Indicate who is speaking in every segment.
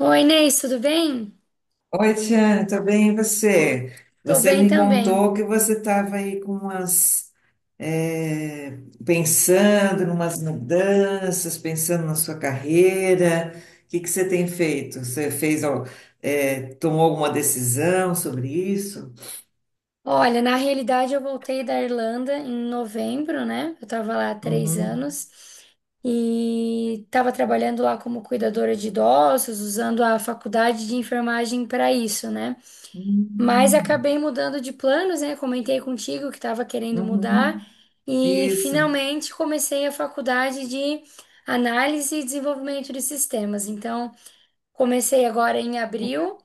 Speaker 1: Oi, Inês, tudo bem?
Speaker 2: Oi, Tiane, tudo bem? E você?
Speaker 1: Tô
Speaker 2: Você
Speaker 1: bem
Speaker 2: me
Speaker 1: também.
Speaker 2: contou que você estava aí com é, pensando em umas mudanças, pensando na sua carreira. O que que você tem feito? Você tomou alguma decisão sobre isso?
Speaker 1: Olha, na realidade eu voltei da Irlanda em novembro, né? Eu tava lá há três
Speaker 2: Uhum.
Speaker 1: anos e tava trabalhando lá como cuidadora de idosos, usando a faculdade de enfermagem para isso, né? Mas
Speaker 2: Hum,
Speaker 1: acabei mudando de planos, né? Comentei contigo que estava querendo mudar
Speaker 2: uhum.
Speaker 1: e
Speaker 2: Isso.
Speaker 1: finalmente comecei a faculdade de análise e desenvolvimento de sistemas. Então, comecei agora em abril.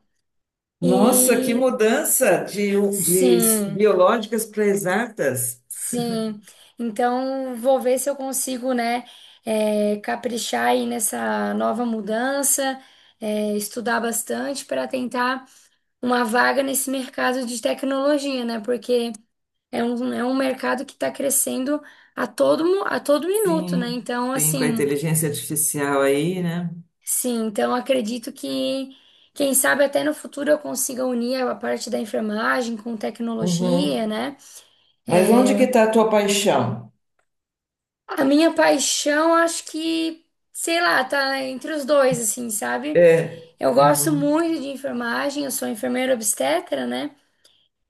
Speaker 2: Nossa, que
Speaker 1: E
Speaker 2: de
Speaker 1: sim,
Speaker 2: biológicas para exatas.
Speaker 1: sim. Então, vou ver se eu consigo, né, caprichar aí nessa nova mudança, estudar bastante para tentar uma vaga nesse mercado de tecnologia, né? Porque é um mercado que está crescendo a todo, a todo minuto, né?
Speaker 2: Sim,
Speaker 1: Então,
Speaker 2: sim, com a
Speaker 1: assim,
Speaker 2: inteligência artificial aí, né?
Speaker 1: sim, então acredito que, quem sabe até no futuro eu consiga unir a parte da enfermagem com
Speaker 2: Uhum.
Speaker 1: tecnologia, né?
Speaker 2: Mas onde que está a tua paixão?
Speaker 1: A minha paixão, acho que, sei lá, tá entre os dois, assim, sabe?
Speaker 2: É,
Speaker 1: Eu gosto
Speaker 2: uhum.
Speaker 1: muito de enfermagem, eu sou enfermeira obstetra, né?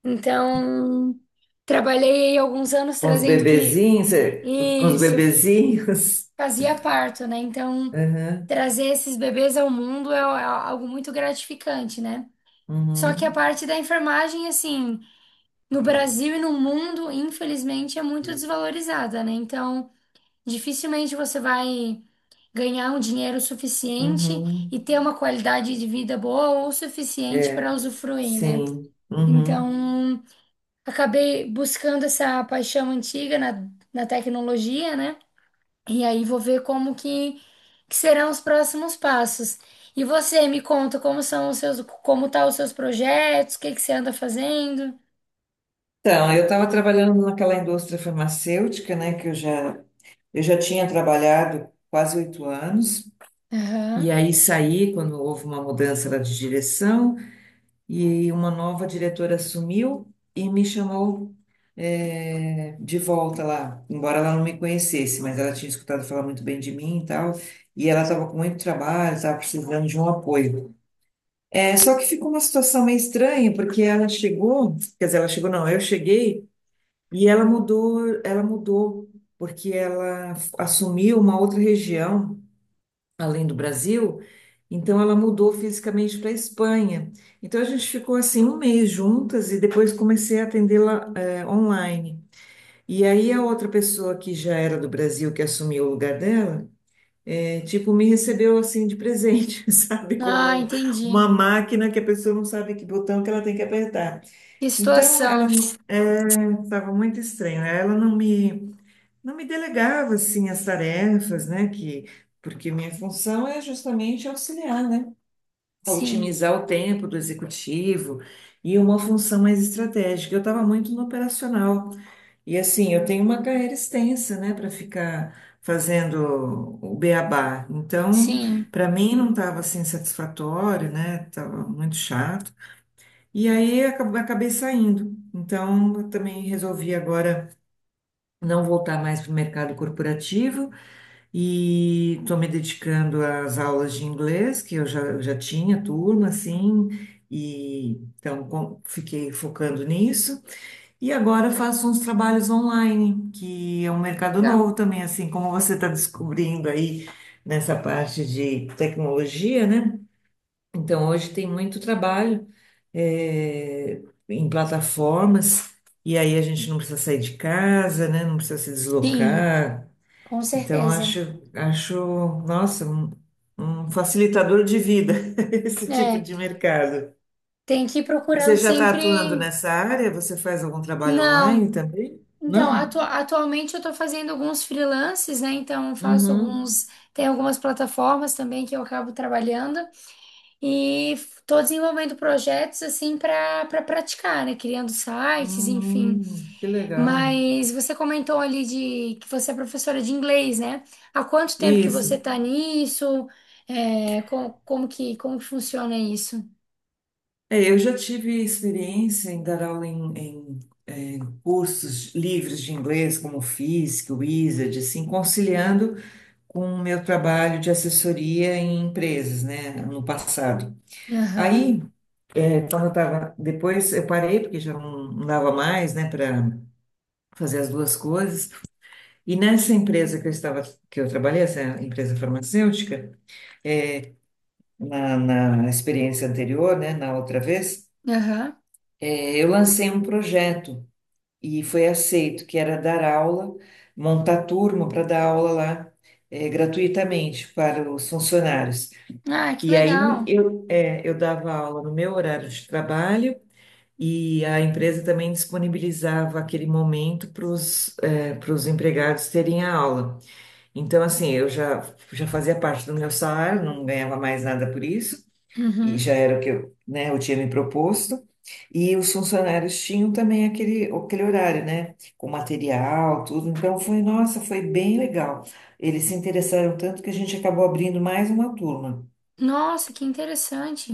Speaker 1: Então, trabalhei aí alguns anos
Speaker 2: Com os
Speaker 1: trazendo cri...
Speaker 2: com os
Speaker 1: Isso, eu
Speaker 2: bebezinhos.
Speaker 1: fazia parto, né? Então,
Speaker 2: Aham,
Speaker 1: trazer esses bebês ao mundo é algo muito gratificante, né? Só que a
Speaker 2: uhum.
Speaker 1: parte da enfermagem, assim, no Brasil e no mundo, infelizmente, é muito desvalorizada, né? Então, dificilmente você vai ganhar um dinheiro suficiente
Speaker 2: Uhum.
Speaker 1: e ter uma qualidade de vida boa ou suficiente para
Speaker 2: É,
Speaker 1: usufruir, né?
Speaker 2: sim. Uhum.
Speaker 1: Então, acabei buscando essa paixão antiga na tecnologia, né? E aí vou ver como que serão os próximos passos. E você me conta como são os seus, como tá os seus projetos, o que que você anda fazendo?
Speaker 2: Então, eu estava trabalhando naquela indústria farmacêutica, né, eu já tinha trabalhado quase 8 anos, e
Speaker 1: Aham.
Speaker 2: aí saí quando houve uma mudança lá de direção. E uma nova diretora assumiu e me chamou de volta lá, embora ela não me conhecesse, mas ela tinha escutado falar muito bem de mim e tal, e ela estava com muito trabalho, estava precisando de um apoio. É, só que ficou uma situação meio estranha, porque ela chegou, quer dizer, ela chegou, não, eu cheguei, e ela mudou, porque ela assumiu uma outra região além do Brasil, então ela mudou fisicamente para a Espanha. Então a gente ficou assim um mês juntas e depois comecei a atendê-la, online. E aí a outra pessoa que já era do Brasil que assumiu o lugar dela, tipo me recebeu assim de presente, sabe,
Speaker 1: Ah,
Speaker 2: como um, uma
Speaker 1: entendi.
Speaker 2: máquina que a pessoa não sabe que botão que ela tem que apertar.
Speaker 1: Que
Speaker 2: Então ela
Speaker 1: situação.
Speaker 2: estava muito estranha. Ela não me delegava assim as tarefas, né? Que Porque minha função é justamente auxiliar, né? A
Speaker 1: Sim,
Speaker 2: otimizar o tempo do executivo e uma função mais estratégica. Eu estava muito no operacional e assim eu tenho uma carreira extensa, né? Para ficar fazendo o beabá. Então,
Speaker 1: sim.
Speaker 2: para mim não estava assim satisfatório, né? Tava muito chato. E aí acabei saindo. Então, eu também resolvi agora não voltar mais para o mercado corporativo. E estou me dedicando às aulas de inglês, eu já tinha turma, assim, e então fiquei focando nisso. E agora faço uns trabalhos online, que é um mercado novo
Speaker 1: Legal.
Speaker 2: também, assim como você está descobrindo aí nessa parte de tecnologia, né? Então hoje tem muito trabalho, eh, em plataformas, e aí a gente não precisa sair de casa, né? Não precisa se
Speaker 1: Sim,
Speaker 2: deslocar.
Speaker 1: com
Speaker 2: Então,
Speaker 1: certeza.
Speaker 2: acho, nossa, um facilitador de vida esse tipo
Speaker 1: É,
Speaker 2: de mercado.
Speaker 1: tem que ir
Speaker 2: Você
Speaker 1: procurando
Speaker 2: já está atuando
Speaker 1: sempre.
Speaker 2: nessa área? Você faz algum trabalho online
Speaker 1: Não.
Speaker 2: também?
Speaker 1: Então,
Speaker 2: Não?
Speaker 1: atualmente eu estou fazendo alguns freelances, né? Então, eu faço
Speaker 2: Uhum.
Speaker 1: alguns. Tem algumas plataformas também que eu acabo trabalhando e estou desenvolvendo projetos assim para praticar, né? Criando sites, enfim.
Speaker 2: Que legal.
Speaker 1: Mas você comentou ali de que você é professora de inglês, né? Há quanto tempo que você
Speaker 2: Isso.
Speaker 1: está nisso? É, como que funciona isso?
Speaker 2: É, eu já tive experiência em dar aula em, em, é, cursos livres de inglês, como Fisk, Wizard, assim, conciliando com o meu trabalho de assessoria em empresas, né, no passado.
Speaker 1: Aham.
Speaker 2: Aí, então eu tava, depois eu parei porque já não, não dava mais, né, para fazer as duas coisas. E nessa empresa que eu estava, que eu trabalhei, essa empresa farmacêutica, na experiência anterior, né, na outra vez,
Speaker 1: Aham.
Speaker 2: eu lancei um projeto e foi aceito, que era dar aula, montar turma para dar aula lá, gratuitamente para os funcionários.
Speaker 1: Ah, que
Speaker 2: E aí
Speaker 1: legal.
Speaker 2: eu dava aula no meu horário de trabalho. E a empresa também disponibilizava aquele momento para os empregados terem a aula. Então, assim, já fazia parte do meu salário, não ganhava mais nada por isso, e
Speaker 1: Uhum.
Speaker 2: já era o que eu, né, eu tinha me proposto. E os funcionários tinham também aquele horário, né, com material, tudo. Então, foi, nossa, foi bem legal. Eles se interessaram tanto que a gente acabou abrindo mais uma turma.
Speaker 1: Nossa, que interessante.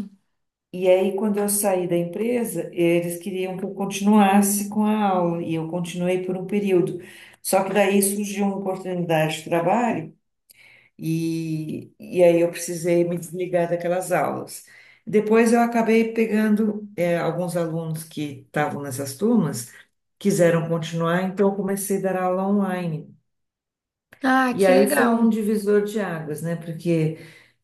Speaker 2: E aí, quando eu saí da empresa, eles queriam que eu continuasse com a aula, e eu continuei por um período. Só que daí surgiu uma oportunidade de trabalho, e aí eu precisei me desligar daquelas aulas. Depois eu acabei pegando, alguns alunos que estavam nessas turmas, quiseram continuar, então eu comecei a dar aula online.
Speaker 1: Ah,
Speaker 2: E
Speaker 1: que
Speaker 2: aí foi um
Speaker 1: legal.
Speaker 2: divisor de águas, né? Porque,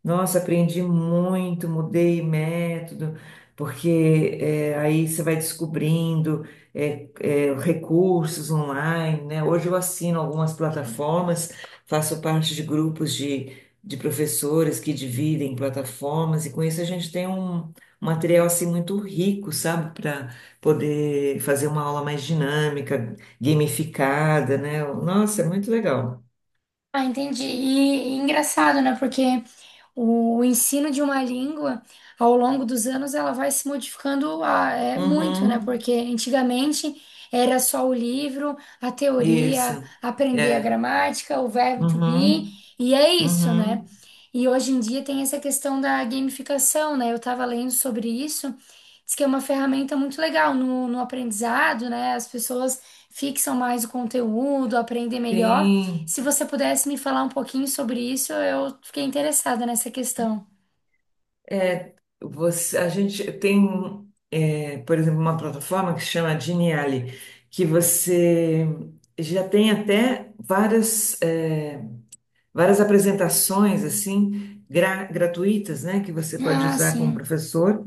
Speaker 2: nossa, aprendi muito, mudei método, porque é, aí você vai recursos online, né? Hoje eu assino algumas plataformas, faço parte de de professores que dividem plataformas, e com isso a gente tem um material assim muito rico, sabe? Para poder fazer uma aula mais dinâmica, gamificada, né? Nossa, é muito legal.
Speaker 1: Ah, entendi. E engraçado, né? Porque o ensino de uma língua, ao longo dos anos, ela vai se modificando ah, é, muito, né?
Speaker 2: Uhum.
Speaker 1: Porque antigamente era só o livro, a teoria,
Speaker 2: Isso.
Speaker 1: aprender a
Speaker 2: É.
Speaker 1: gramática, o verbo to be,
Speaker 2: Uhum.
Speaker 1: e é isso, né?
Speaker 2: Uhum.
Speaker 1: E hoje em dia tem essa questão da gamificação, né? Eu estava lendo sobre isso, diz que é uma ferramenta muito legal no aprendizado, né? As pessoas fixam mais o conteúdo, aprendem melhor.
Speaker 2: Tem.
Speaker 1: Se você pudesse me falar um pouquinho sobre isso, eu fiquei interessada nessa questão.
Speaker 2: É, a gente tem, é, por exemplo, uma plataforma que se chama Geniali, que você já tem até várias apresentações assim gratuitas, né, que você pode
Speaker 1: Ah,
Speaker 2: usar como
Speaker 1: sim.
Speaker 2: professor.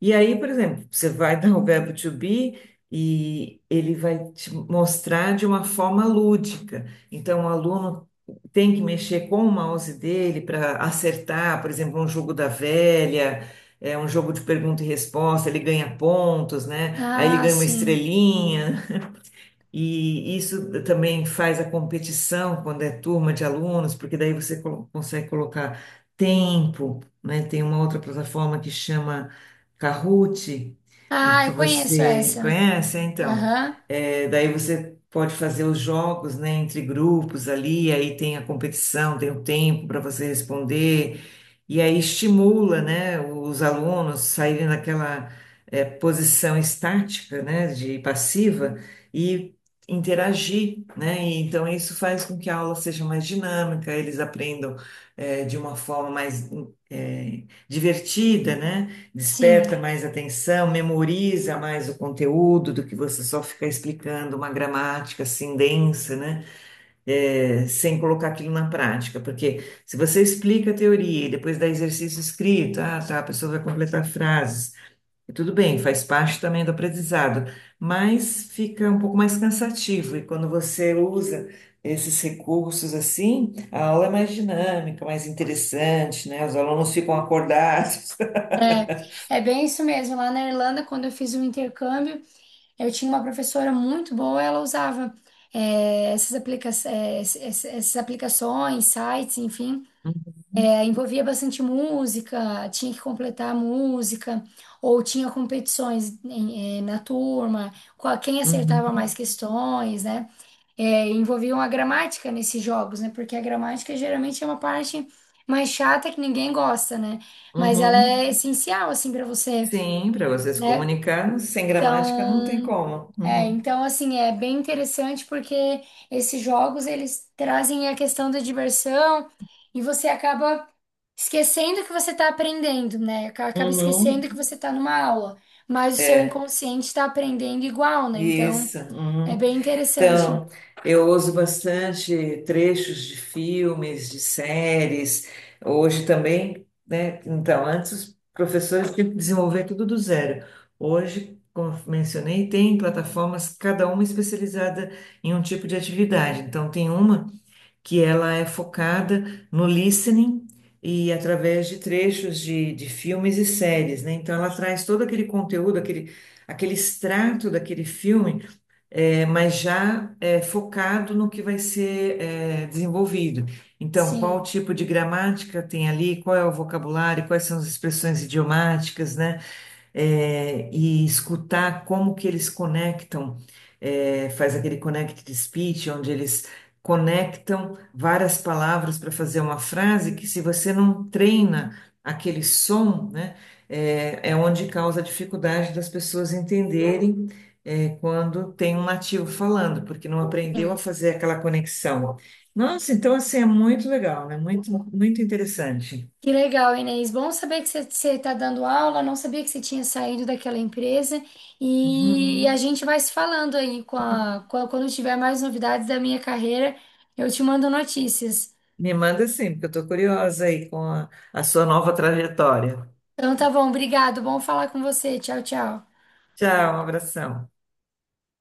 Speaker 2: E aí, por exemplo, você vai dar o verbo to be e ele vai te mostrar de uma forma lúdica. Então, o aluno tem que mexer com o mouse dele para acertar, por exemplo, um jogo da velha, é um jogo de pergunta e resposta, ele ganha pontos, né? Aí ele
Speaker 1: Ah,
Speaker 2: ganha uma
Speaker 1: sim.
Speaker 2: estrelinha. E isso também faz a competição quando é turma de alunos, porque daí você consegue colocar tempo, né? Tem uma outra plataforma que chama Kahoot, e
Speaker 1: Ah,
Speaker 2: que
Speaker 1: eu conheço
Speaker 2: você
Speaker 1: essa.
Speaker 2: conhece, então.
Speaker 1: Aham,
Speaker 2: É, daí você pode fazer os jogos, né, entre grupos ali, aí tem a competição, tem o tempo para você responder, e aí estimula, né, os alunos saírem daquela, é, posição estática, né, de passiva, e interagir, né? E então isso faz com que a aula seja mais dinâmica, eles aprendam de uma forma mais eh, divertida, né?
Speaker 1: sim.
Speaker 2: Desperta mais atenção, memoriza mais o conteúdo do que você só ficar explicando uma gramática assim densa, né? Eh, sem colocar aquilo na prática, porque se você explica a teoria e depois dá exercício escrito, ah, tá, a pessoa vai completar frases e tudo bem, faz parte também do aprendizado, mas fica um pouco mais cansativo. E quando você usa esses recursos assim, a aula é mais dinâmica, mais interessante, né? Os alunos ficam acordados.
Speaker 1: É bem isso mesmo. Lá na Irlanda, quando eu fiz o intercâmbio, eu tinha uma professora muito boa, ela usava eh, essas aplica eh, ess- ess- essas aplicações, sites, enfim. É, envolvia bastante música, tinha que completar a música, ou tinha competições na turma, quem
Speaker 2: Uhum,
Speaker 1: acertava mais questões, né? É, envolviam a gramática nesses jogos, né? Porque a gramática geralmente é uma parte mais chata que ninguém gosta, né?
Speaker 2: uhum,
Speaker 1: Mas ela é
Speaker 2: uhum.
Speaker 1: essencial, assim, para você,
Speaker 2: Sim, para você se
Speaker 1: né?
Speaker 2: comunicar, sem gramática não tem
Speaker 1: Então,
Speaker 2: como. Uhum,
Speaker 1: então assim, é bem interessante porque esses jogos eles trazem a questão da diversão e você acaba esquecendo que você está aprendendo, né? Acaba
Speaker 2: uhum.
Speaker 1: esquecendo que você está numa aula, mas o seu
Speaker 2: É,
Speaker 1: inconsciente está aprendendo igual, né? Então,
Speaker 2: isso.
Speaker 1: é
Speaker 2: Uhum.
Speaker 1: bem interessante.
Speaker 2: Então, eu uso bastante trechos de filmes, de séries. Hoje também, né? Então, antes os professores tinham que desenvolver tudo do zero. Hoje, como eu mencionei, tem plataformas, cada uma especializada em um tipo de atividade. Então, tem uma que ela é focada no listening e através de trechos de filmes e séries, né? Então, ela traz todo aquele conteúdo, aquele extrato daquele filme é, mas já é, focado no que vai ser é, desenvolvido. Então, qual
Speaker 1: Sim.
Speaker 2: tipo de gramática tem ali, qual é o vocabulário, quais são as expressões idiomáticas, né? É, e escutar como que eles conectam, é, faz aquele connected speech, onde eles conectam várias palavras para fazer uma frase que se você não treina aquele som, né, é onde causa a dificuldade das pessoas entenderem, é, quando tem um nativo falando, porque não aprendeu a fazer aquela conexão. Nossa, então assim é muito legal, né? Muito, muito interessante.
Speaker 1: Que legal, Inês. Bom saber que você está dando aula. Não sabia que você tinha saído daquela empresa. E, a
Speaker 2: Uhum.
Speaker 1: gente vai se falando aí quando tiver mais novidades da minha carreira, eu te mando notícias.
Speaker 2: Me manda sim, porque eu estou curiosa aí com a sua nova trajetória.
Speaker 1: Então tá bom, obrigado. Bom falar com você. Tchau, tchau.
Speaker 2: Tchau, um abração.